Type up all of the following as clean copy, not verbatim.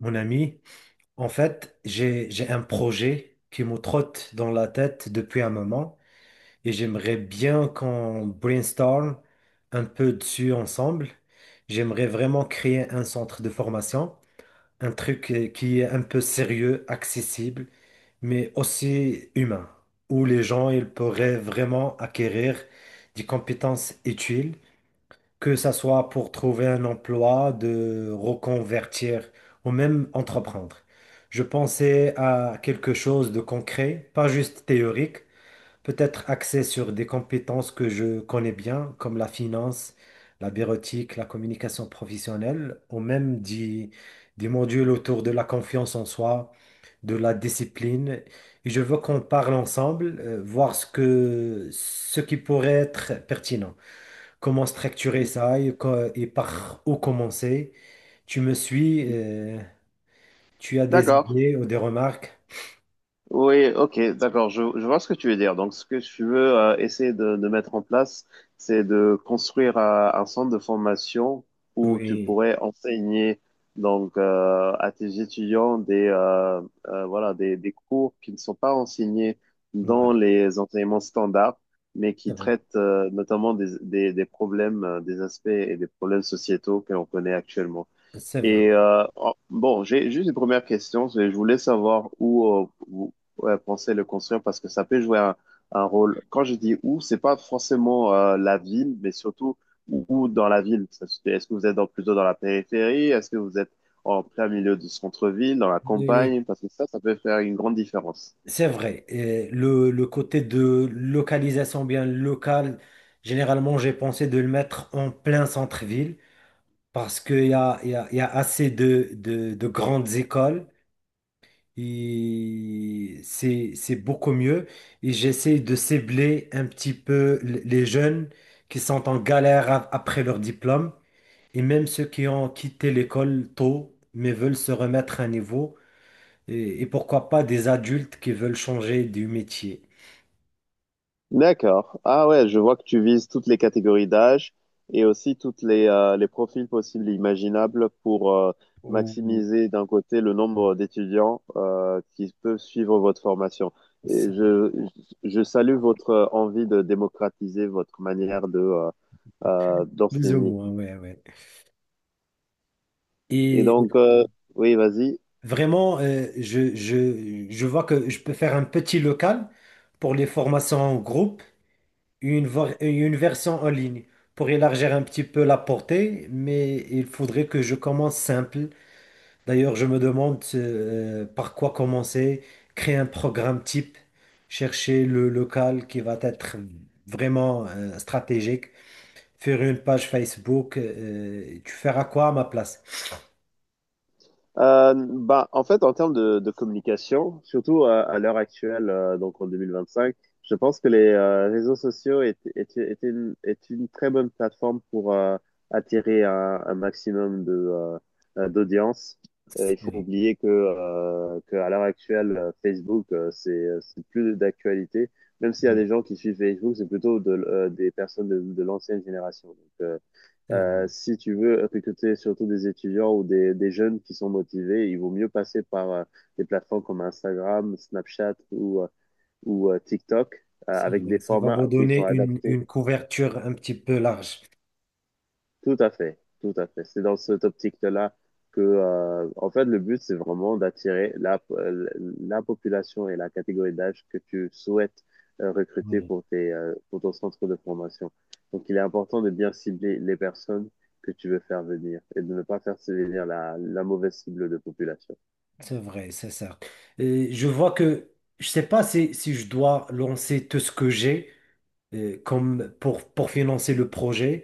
Mon ami, en fait, j'ai un projet qui me trotte dans la tête depuis un moment et j'aimerais bien qu'on brainstorm un peu dessus ensemble. J'aimerais vraiment créer un centre de formation, un truc qui est un peu sérieux, accessible, mais aussi humain, où les gens ils pourraient vraiment acquérir des compétences utiles que ça soit pour trouver un emploi, de reconvertir ou même entreprendre. Je pensais à quelque chose de concret, pas juste théorique, peut-être axé sur des compétences que je connais bien, comme la finance, la bureautique, la communication professionnelle, ou même des modules autour de la confiance en soi, de la discipline. Et je veux qu'on parle ensemble, voir ce qui pourrait être pertinent, comment structurer ça et, et par où commencer. Tu me suis, tu as des D'accord. idées ou des remarques? Oui, ok, d'accord. Je vois ce que tu veux dire. Donc, ce que tu veux essayer de mettre en place, c'est de construire un centre de formation où tu Oui, pourrais enseigner donc à tes étudiants des cours qui ne sont pas enseignés ouais, dans les enseignements standards, mais c'est qui vrai, traitent notamment des problèmes, des aspects et des problèmes sociétaux que l'on connaît actuellement. c'est vrai. Et bon, j'ai juste une première question. Je voulais savoir où vous ouais, pensez le construire parce que ça peut jouer un rôle. Quand je dis où, c'est pas forcément la ville, mais surtout où dans la ville. Est-ce que vous êtes plutôt dans la périphérie? Est-ce que vous êtes en plein milieu du centre-ville, dans la Oui, oui, campagne? Parce que ça peut faire une grande différence. c'est vrai. Et le côté de localisation bien locale, généralement, j'ai pensé de le mettre en plein centre-ville parce qu'il y a, il y a- il y a assez de grandes écoles. Et c'est beaucoup mieux. Et j'essaie de cibler un petit peu les jeunes qui sont en galère après leur diplôme et même ceux qui ont quitté l'école tôt mais veulent se remettre à niveau et pourquoi pas des adultes qui veulent changer du métier. D'accord. Ah ouais, je vois que tu vises toutes les catégories d'âge et aussi toutes les profils possibles et imaginables pour Ou- ou- maximiser d'un côté le nombre d'étudiants qui peuvent suivre votre formation. Et Ça, je salue votre envie de démocratiser votre manière de plus ou d'enseigner. moins, ouais, ouais. Et Et donc, oui, vas-y. vraiment, je vois que je peux faire un petit local pour les formations en groupe, une version en ligne pour élargir un petit peu la portée, mais il faudrait que je commence simple. D'ailleurs, je me demande par quoi commencer, créer un programme type, chercher le local qui va être vraiment stratégique, faire une page Facebook. Tu feras quoi à ma place? En fait, en termes de communication, surtout à l'heure actuelle, donc en 2025, je pense que les réseaux sociaux est est une très bonne plateforme pour attirer un maximum de d'audience. Il faut Oui, oublier que l'heure actuelle, Facebook, c'est plus d'actualité. Même s'il y a oui, des gens qui suivent Facebook, c'est plutôt de, des personnes de l'ancienne génération. Donc, euh, c'est vrai, si tu veux recruter surtout des étudiants ou des jeunes qui sont motivés, il vaut mieux passer par des plateformes comme Instagram, Snapchat ou, TikTok c'est avec des vrai. Ça va formats vous qui sont donner adaptés. une couverture un petit peu large. Tout à fait, tout à fait. C'est dans cette optique-là que, en fait, le but, c'est vraiment d'attirer la, la population et la catégorie d'âge que tu souhaites recruter pour pour ton centre de formation. Donc, il est important de bien cibler les personnes que tu veux faire venir et de ne pas faire venir la mauvaise cible de population. C'est vrai, c'est ça. Je vois que je sais pas si, si je dois lancer tout ce que j'ai comme pour financer le projet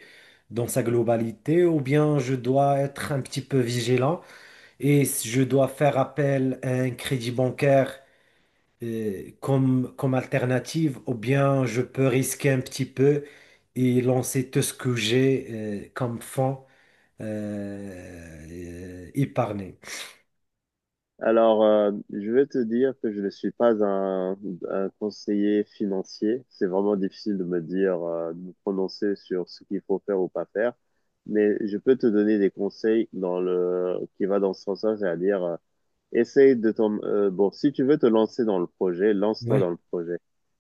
dans sa globalité, ou bien je dois être un petit peu vigilant et je dois faire appel à un crédit bancaire comme, comme alternative, ou bien je peux risquer un petit peu et lancer tout ce que j'ai comme fonds épargné. Alors, je vais te dire que je ne suis pas un conseiller financier. C'est vraiment difficile de me dire, de me prononcer sur ce qu'il faut faire ou pas faire. Mais je peux te donner des conseils dans le, qui va dans ce sens-là, c'est-à-dire bon, si tu veux te lancer dans le projet, lance-toi dans Ouais. le projet.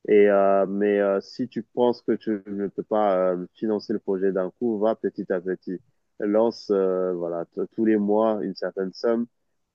Et si tu penses que tu ne peux pas financer le projet d'un coup, va petit à petit. Lance tous les mois une certaine somme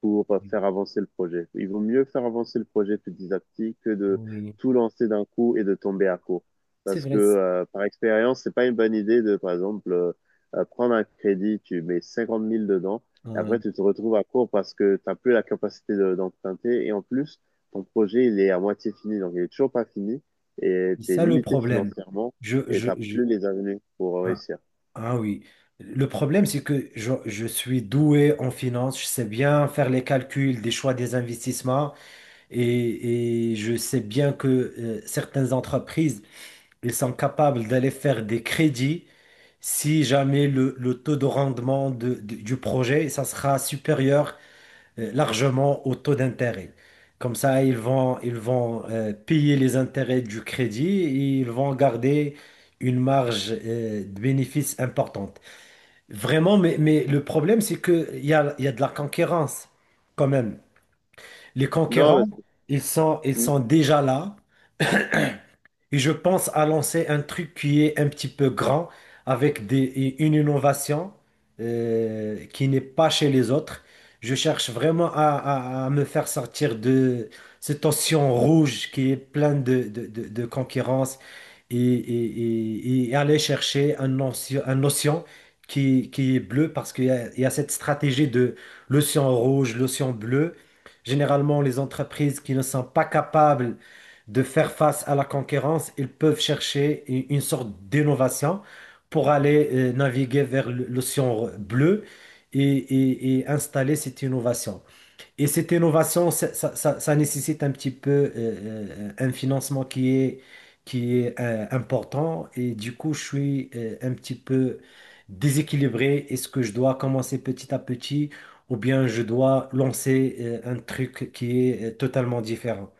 pour faire avancer le projet. Il vaut mieux faire avancer le projet petit à petit que de Oui, tout lancer d'un coup et de tomber à court. c'est Parce que vrai. Par expérience, c'est pas une bonne idée de par exemple prendre un crédit, tu mets 50 000 dedans après, Hein, tu te retrouves à court parce que tu n'as plus la capacité d'emprunter. Et en plus, ton projet il est à moitié fini. Donc, il est toujours pas fini. Et c'est tu es ça le limité problème. financièrement Je, et tu je, n'as je- plus les avenues pour ah, réussir. ah oui. Le problème, c'est que je suis doué en finance, je sais bien faire les calculs des choix des investissements et je sais bien que certaines entreprises, ils sont capables d'aller faire des crédits si jamais le taux de rendement du projet, ça sera supérieur largement au taux d'intérêt. Comme ça, ils vont payer les intérêts du crédit et ils vont garder une marge de bénéfice importante. Vraiment, mais le problème, c'est il y a de la concurrence quand même. Les Non, concurrents, mais ils c'est- sont déjà là. Et je pense à lancer un truc qui est un petit peu grand, avec une innovation qui n'est pas chez les autres. Je cherche vraiment à me faire sortir de cet océan rouge qui est plein de concurrence et, et aller chercher un océan qui est bleu parce il y a cette stratégie de l'océan rouge, l'océan bleu. Généralement, les entreprises qui ne sont pas capables de faire face à la concurrence, ils peuvent chercher une sorte d'innovation pour aller naviguer vers l'océan bleu et, et installer cette innovation. Et cette innovation, ça nécessite un petit peu un financement qui est important. Et du coup, je suis un petit peu déséquilibré. Est-ce que je dois commencer petit à petit ou bien je dois lancer un truc qui est totalement différent?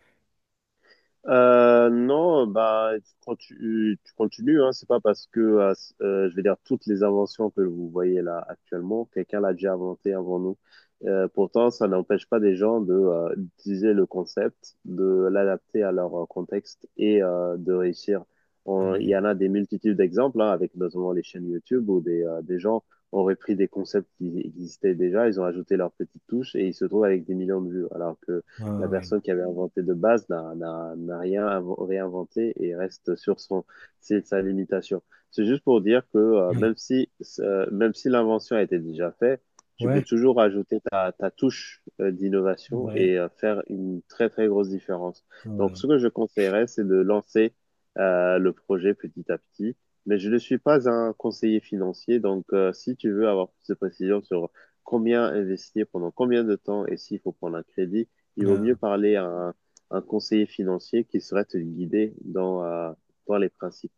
Non, bah, tu continues, hein. C'est pas parce que, je vais dire, toutes les inventions que vous voyez là actuellement, quelqu'un l'a déjà inventé avant nous. Pourtant, ça n'empêche pas des gens de, d'utiliser le concept, de l'adapter à leur contexte et de réussir. Il y Ouais. en a des multitudes d'exemples, hein, avec notamment les chaînes YouTube où des gens ont repris des concepts qui existaient déjà, ils ont ajouté leur petite touche et ils se trouvent avec des millions de vues. Alors que la Ah oui. personne qui avait inventé de base n'a rien réinventé et reste sur son, c'est sa limitation. C'est juste pour dire que Oui, même si l'invention a été déjà faite, tu peux ouais, toujours ajouter ta touche d'innovation ouais, et faire une très très grosse différence. Donc ouais. ce que je conseillerais, c'est de lancer le projet petit à petit. Mais je ne suis pas un conseiller financier, donc si tu veux avoir plus de précisions sur combien investir, pendant combien de temps et s'il faut prendre un crédit, il vaut Euh, mieux parler à un conseiller financier qui saurait te guider dans, dans les principes.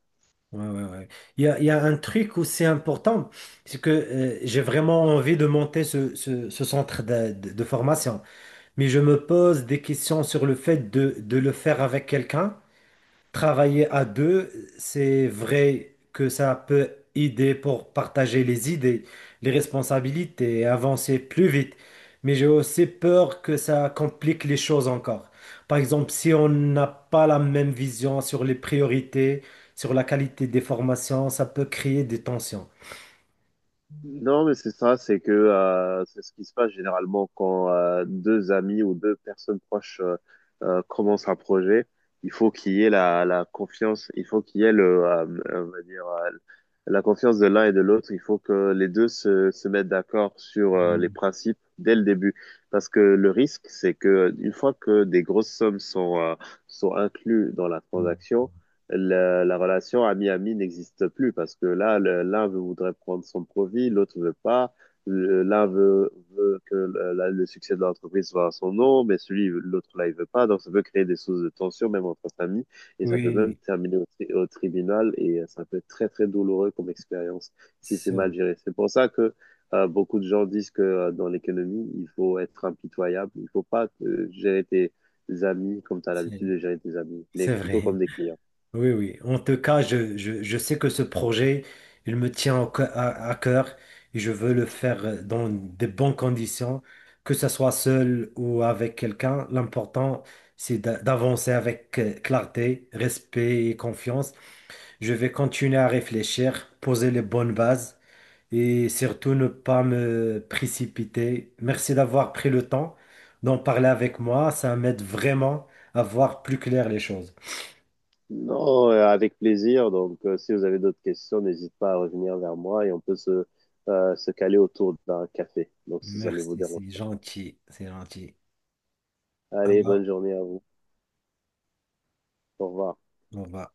ouais, ouais, ouais. Il y a un truc aussi important, c'est que j'ai vraiment envie de monter ce centre de formation, mais je me pose des questions sur le fait de le faire avec quelqu'un. Travailler à deux, c'est vrai que ça peut aider pour partager les idées, les responsabilités et avancer plus vite. Mais j'ai aussi peur que ça complique les choses encore. Par exemple, si on n'a pas la même vision sur les priorités, sur la qualité des formations, ça peut créer des tensions. Non, mais c'est ça, c'est que c'est ce qui se passe généralement quand deux amis ou deux personnes proches commencent un projet. Il faut qu'il y ait la, la confiance, il faut qu'il y ait le, on va dire, la confiance de l'un et de l'autre. Il faut que les deux se mettent d'accord sur les Mm, principes dès le début. Parce que le risque, c'est que une fois que des grosses sommes sont, sont incluses dans la mm. transaction, la relation ami-ami n'existe plus parce que là, voudrait prendre son profit, l'autre veut pas. Veut que le succès de l'entreprise soit à son nom, mais celui, l'autre là, il veut pas. Donc, ça peut créer des sources de tension, même entre familles, et ça Oui, peut même oui, terminer au tribunal, et ça peut être très, très douloureux comme expérience si c'est c'est mal géré. C'est pour ça que beaucoup de gens disent que dans l'économie, il faut être impitoyable, il faut pas gérer tes amis comme tu as c'est- l'habitude de gérer tes amis, mais c'est plutôt vrai. comme des clients. Oui, oui. En tout cas, je sais que ce projet, il me tient à cœur et je veux le faire dans de bonnes conditions, que ce soit seul ou avec quelqu'un. L'important, c'est d'avancer avec clarté, respect et confiance. Je vais continuer à réfléchir, poser les bonnes bases et surtout ne pas me précipiter. Merci d'avoir pris le temps d'en parler avec moi. Ça m'aide vraiment à voir plus clair les choses. Non, avec plaisir. Donc, si vous avez d'autres questions, n'hésitez pas à revenir vers moi et on peut se, se caler autour d'un café. Donc, si ça ne vous Merci, dérange c'est pas. gentil, c'est gentil. Allez, Alors, bonne journée à vous. Au revoir. on va,